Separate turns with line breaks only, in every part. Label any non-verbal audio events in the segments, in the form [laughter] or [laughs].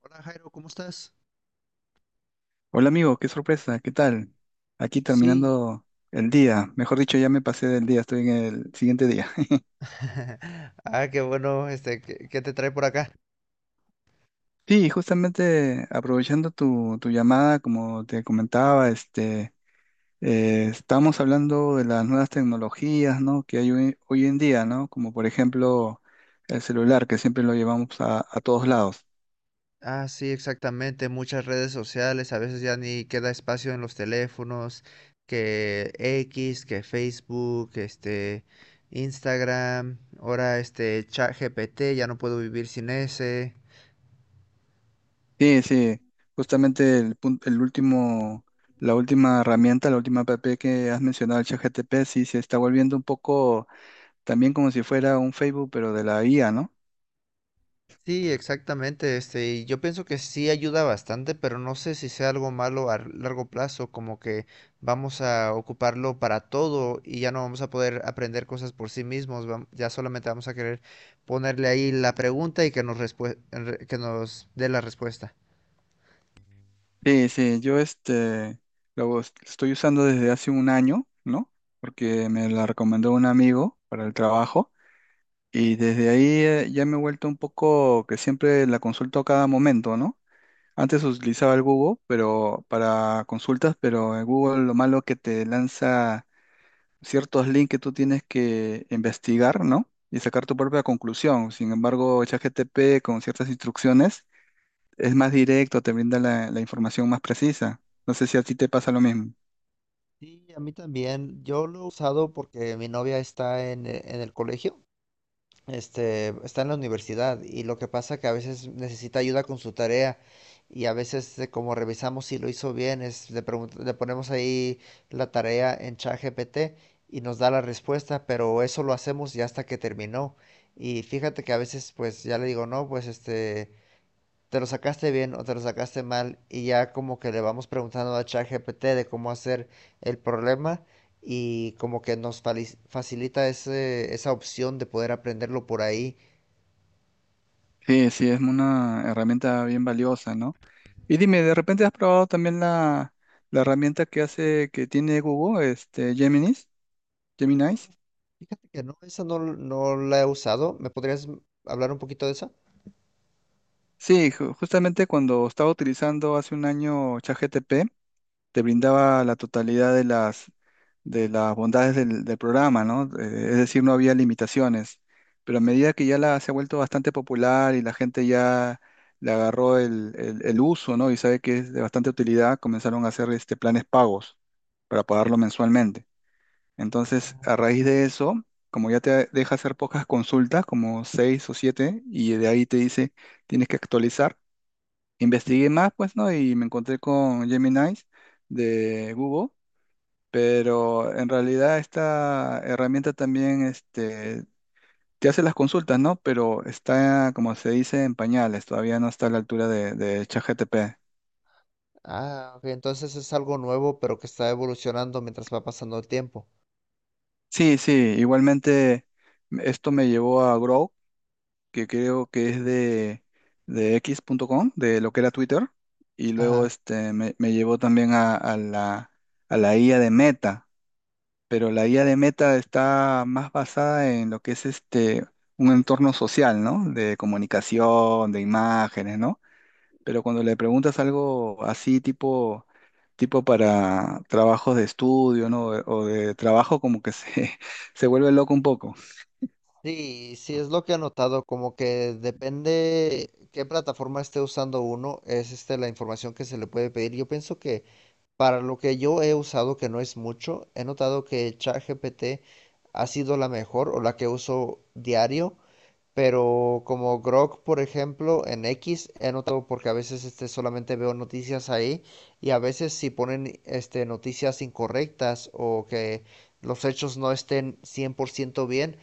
Hola, Jairo, ¿cómo estás?
Hola amigo, qué sorpresa, ¿qué tal? Aquí
Sí.
terminando el día, mejor dicho, ya me pasé del día, estoy en el siguiente día. [laughs]
[laughs] Ah, qué bueno, ¿qué te trae por acá?
Sí, justamente aprovechando tu llamada, como te comentaba, estamos hablando de las nuevas tecnologías, ¿no? Que hay hoy en día, ¿no? Como por ejemplo el celular, que siempre lo llevamos a todos lados.
Ah, sí, exactamente. Muchas redes sociales, a veces ya ni queda espacio en los teléfonos, que X, que Facebook, Instagram, ahora ChatGPT, ya no puedo vivir sin ese.
Sí, sí, justamente el último, la última herramienta, la última app que has mencionado, el ChatGPT, sí se está volviendo un poco también como si fuera un Facebook, pero de la IA, ¿no?
Sí, exactamente. Y yo pienso que sí ayuda bastante, pero no sé si sea algo malo a largo plazo, como que vamos a ocuparlo para todo y ya no vamos a poder aprender cosas por sí mismos. Ya solamente vamos a querer ponerle ahí la pregunta y que que nos dé la respuesta.
Sí, sí, yo estoy usando desde hace un año, ¿no? Porque me la recomendó un amigo para el trabajo y desde ahí ya me he vuelto un poco que siempre la consulto a cada momento, ¿no? Antes utilizaba el Google, pero para consultas, pero el Google lo malo que te lanza ciertos links que tú tienes que investigar, ¿no? Y sacar tu propia conclusión. Sin embargo, ChatGPT con ciertas instrucciones es más directo, te brinda la información más precisa. No sé si a ti te pasa lo mismo.
Sí, a mí también. Yo lo he usado porque mi novia está en el colegio, está en la universidad, y lo que pasa que a veces necesita ayuda con su tarea. Y a veces, como revisamos si lo hizo bien, le ponemos ahí la tarea en ChatGPT y nos da la respuesta, pero eso lo hacemos ya hasta que terminó. Y fíjate que a veces pues ya le digo, no, pues, te lo sacaste bien o te lo sacaste mal, y ya como que le vamos preguntando a ChatGPT de cómo hacer el problema. Y como que nos facilita esa opción de poder aprenderlo por ahí.
Sí, sí, es una herramienta bien valiosa, ¿no? Y dime, ¿de repente has probado también la herramienta que hace, que tiene Google, Geminis, Geminis?
Fíjate que no, esa no, no la he usado. ¿Me podrías hablar un poquito de esa?
Sí, justamente cuando estaba utilizando hace un año ChatGPT, te brindaba la totalidad de de las bondades del programa, ¿no? Es decir, no había limitaciones. Pero a medida que se ha vuelto bastante popular y la gente ya le agarró el uso, ¿no? Y sabe que es de bastante utilidad, comenzaron a hacer planes pagos para pagarlo mensualmente. Entonces, a raíz de eso, como ya te deja hacer pocas consultas, como seis o siete, y de ahí te dice, tienes que actualizar. Investigué más, pues, ¿no? Y me encontré con Gemini de Google, pero en realidad esta herramienta también te hace las consultas, ¿no? Pero está, como se dice, en pañales, todavía no está a la altura de ChatGPT.
Ah, ok, entonces es algo nuevo pero que está evolucionando mientras va pasando el tiempo.
Sí, sí, igualmente esto me llevó a Grow, que creo que es de equis punto com de lo que era Twitter, y luego
Ajá.
me llevó también a a la IA de Meta, pero la IA de Meta está más basada en lo que es un entorno social, ¿no? De comunicación, de imágenes, ¿no? Pero cuando le preguntas algo así tipo para trabajos de estudio, ¿no? O de trabajo como que se [laughs] se vuelve loco un poco.
Sí, sí, es lo que he notado, como que depende qué plataforma esté usando uno, es la información que se le puede pedir. Yo pienso que para lo que yo he usado, que no es mucho, he notado que ChatGPT ha sido la mejor o la que uso diario, pero como Grok, por ejemplo, en X, he notado porque a veces, solamente veo noticias ahí. Y a veces si ponen, noticias incorrectas, o que los hechos no estén 100% bien,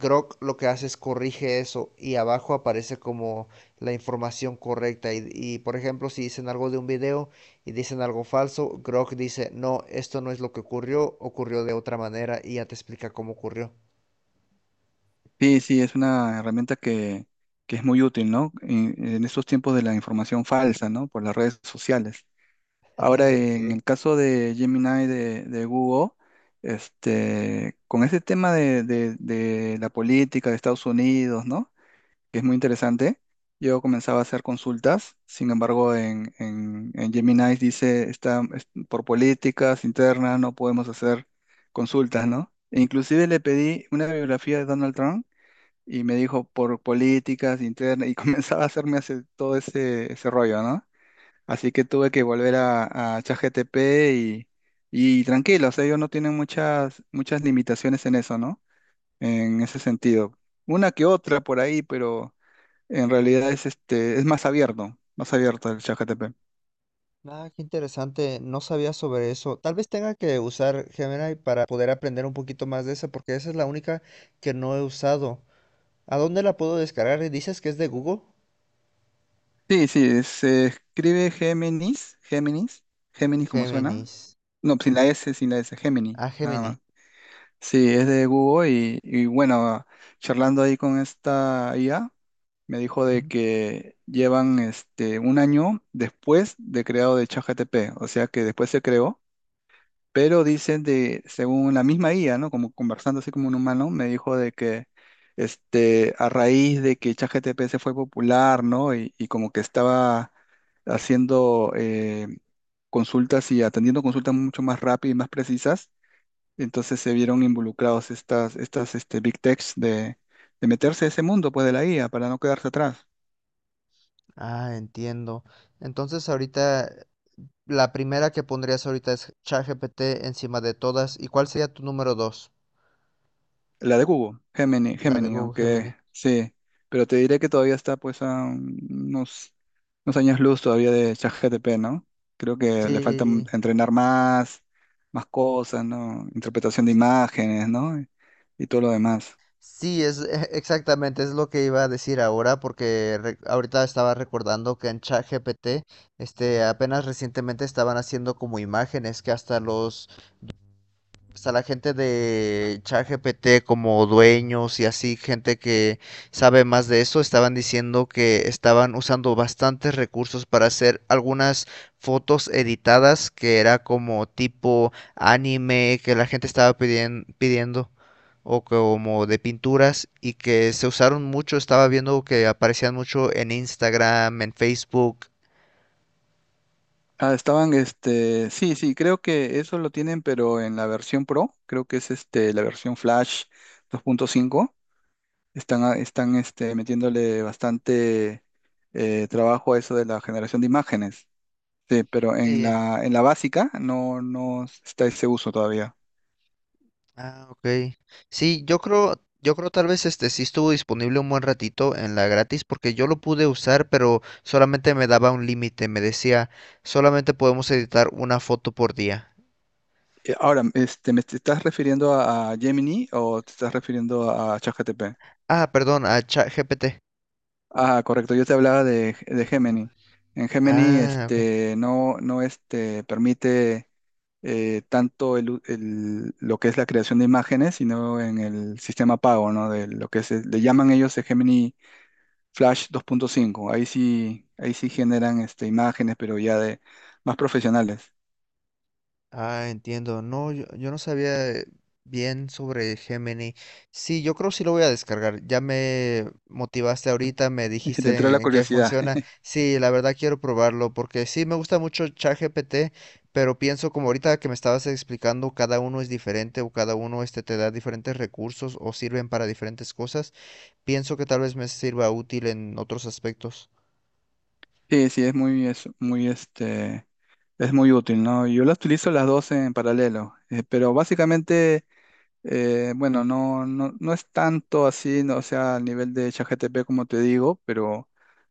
Grok lo que hace es corrige eso y abajo aparece como la información correcta. Y, por ejemplo, si dicen algo de un video y dicen algo falso, Grok dice, no, esto no es lo que ocurrió, ocurrió de otra manera, y ya te explica cómo ocurrió.
Sí, sí, es una herramienta que es muy útil, ¿no? En estos tiempos de la información falsa, ¿no? Por las redes sociales. Ahora,
[laughs]
en
Sí.
el caso de Gemini de Google, con ese tema de la política de Estados Unidos, ¿no? Que es muy interesante. Yo comenzaba a hacer consultas, sin embargo, en Gemini dice, por políticas internas no podemos hacer consultas, ¿no? E inclusive le pedí una biografía de Donald Trump y me dijo, por políticas internas, y [laughs] comenzaba a hacerme todo ese rollo, ¿no? Así que tuve que volver a ChatGPT y, y tranquilo, o sea, ellos no tienen muchas limitaciones en eso, ¿no? En ese sentido. Una que otra por ahí, pero en realidad es es más abierto el ChatGPT.
Nada, qué interesante. No sabía sobre eso. Tal vez tenga que usar Gemini para poder aprender un poquito más de esa, porque esa es la única que no he usado. ¿A dónde la puedo descargar? ¿Dices que es de Google?
Sí, sí, se escribe Géminis, Géminis, Géminis como suena.
Géminis.
No, sin la S, sin la S, Géminis,
Ah,
nada
Gemini.
más. Sí, es de Google y bueno, charlando ahí con esta IA. Me dijo de
Ujú.
que llevan un año después de creado de ChatGPT, o sea que después se creó, pero dicen de, según la misma IA, ¿no? Como conversando así como un humano, me dijo de que a raíz de que ChatGPT se fue popular, ¿no? Y como que estaba haciendo consultas y atendiendo consultas mucho más rápidas y más precisas, entonces se vieron involucrados estas big techs de meterse a ese mundo, pues, de la IA para no quedarse atrás.
Ah, entiendo. Entonces, ahorita la primera que pondrías ahorita es ChatGPT encima de todas. ¿Y cuál sería tu número 2?
La de Google, Gemini,
La de
Gemini,
Google,
aunque
Gemini.
sí, pero te diré que todavía está pues a unos, unos años luz todavía de ChatGPT, ¿no? Creo que le falta
Sí,
entrenar más, más cosas, ¿no? Interpretación de imágenes, ¿no? Y todo lo demás.
sí, es [laughs] exactamente, es lo que iba a decir ahora, porque ahorita estaba recordando que en ChatGPT, apenas recientemente estaban haciendo como imágenes, que hasta los pues, a la gente de ChatGPT como dueños y así, gente que sabe más de eso, estaban diciendo que estaban usando bastantes recursos para hacer algunas fotos editadas que era como tipo anime, que la gente estaba pidiendo, o como de pinturas, y que se usaron mucho. Estaba viendo que aparecían mucho en Instagram, en Facebook.
Ah, estaban, sí, sí, creo que eso lo tienen, pero en la versión Pro, creo que es la versión Flash 2.5, están metiéndole bastante trabajo a eso de la generación de imágenes. Sí, pero en
Sí.
en la básica no, no está ese uso todavía.
Ah, ok. Sí, yo creo, tal vez este sí estuvo disponible un buen ratito en la gratis, porque yo lo pude usar, pero solamente me daba un límite, me decía, solamente podemos editar una foto por día.
Ahora, ¿me te estás refiriendo a Gemini o te estás refiriendo a ChatGPT?
Ah, perdón, a ChatGPT.
Ah, correcto, yo te hablaba de Gemini. En Gemini,
Ah, ok.
no, no, permite tanto lo que es la creación de imágenes, sino en el sistema pago, ¿no? De lo que se, le llaman ellos el Gemini Flash 2.5. Ahí sí generan, imágenes, pero ya de más profesionales.
Ah, entiendo. No, yo no sabía, bien sobre Gemini. Sí, yo creo que sí lo voy a descargar. Ya me motivaste ahorita, me
Te entró
dijiste
la
en qué
curiosidad.
funciona.
[laughs]
Sí, la verdad quiero probarlo porque sí me gusta mucho ChatGPT, pero pienso como ahorita que me estabas explicando, cada uno es diferente, o cada uno te da diferentes recursos o sirven para diferentes cosas. Pienso que tal vez me sirva útil en otros aspectos.
Sí, sí, es es es muy útil, ¿no? Yo las utilizo las dos en paralelo, pero básicamente, bueno, no es tanto así, no, o sea, al nivel de ChatGPT como te digo, pero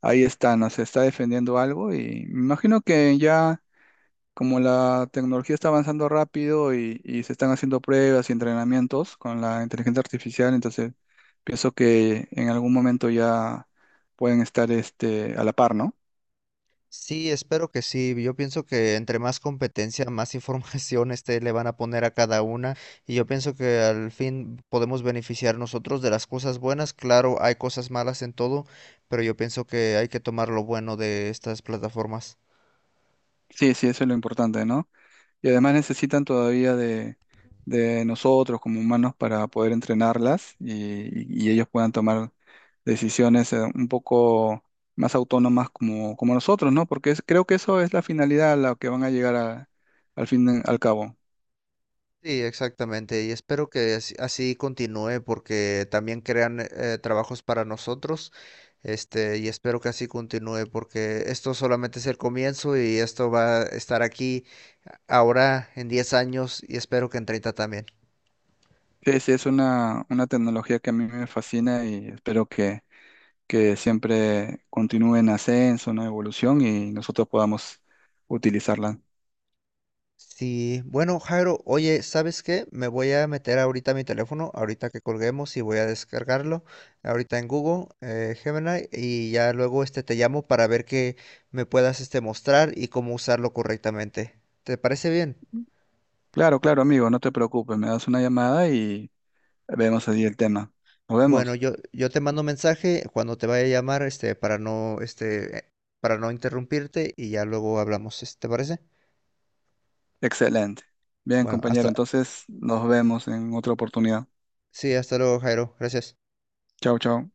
ahí está, ¿no? Se está defendiendo algo y me imagino que ya como la tecnología está avanzando rápido y se están haciendo pruebas y entrenamientos con la inteligencia artificial, entonces pienso que en algún momento ya pueden estar, a la par, ¿no?
Sí, espero que sí. Yo pienso que entre más competencia, más [laughs] información, le van a poner a cada una. Y yo pienso que al fin podemos beneficiar nosotros de las cosas buenas. Claro, hay cosas malas en todo, pero yo pienso que hay que tomar lo bueno de estas plataformas.
Sí, sí, eso es lo importante, ¿no? Y además necesitan todavía de nosotros como humanos para poder entrenarlas y ellos puedan tomar decisiones un poco más autónomas como nosotros, ¿no? Porque creo que eso es la finalidad a la que van a llegar al fin, al cabo.
Sí, exactamente. Y espero que así, así continúe, porque también crean, trabajos para nosotros. Y espero que así continúe porque esto solamente es el comienzo, y esto va a estar aquí ahora en 10 años, y espero que en 30 también.
Sí, sí, es una tecnología que a mí me fascina y espero que siempre continúe en ascenso, en evolución y nosotros podamos utilizarla.
Sí, bueno, Jairo, oye, ¿sabes qué? Me voy a meter ahorita a mi teléfono, ahorita que colguemos, y voy a descargarlo ahorita en Google, Gemini, y ya luego te llamo para ver que me puedas mostrar y cómo usarlo correctamente. ¿Te parece bien?
Claro, claro, amigo, no te preocupes, me das una llamada y vemos allí el tema. ¿Nos
Bueno,
vemos?
yo te mando mensaje cuando te vaya a llamar, para no interrumpirte, y ya luego hablamos, ¿te parece?
Excelente. Bien,
Bueno,
compañero, entonces nos vemos en otra oportunidad.
sí, hasta luego, Jairo, gracias.
Chao, chao.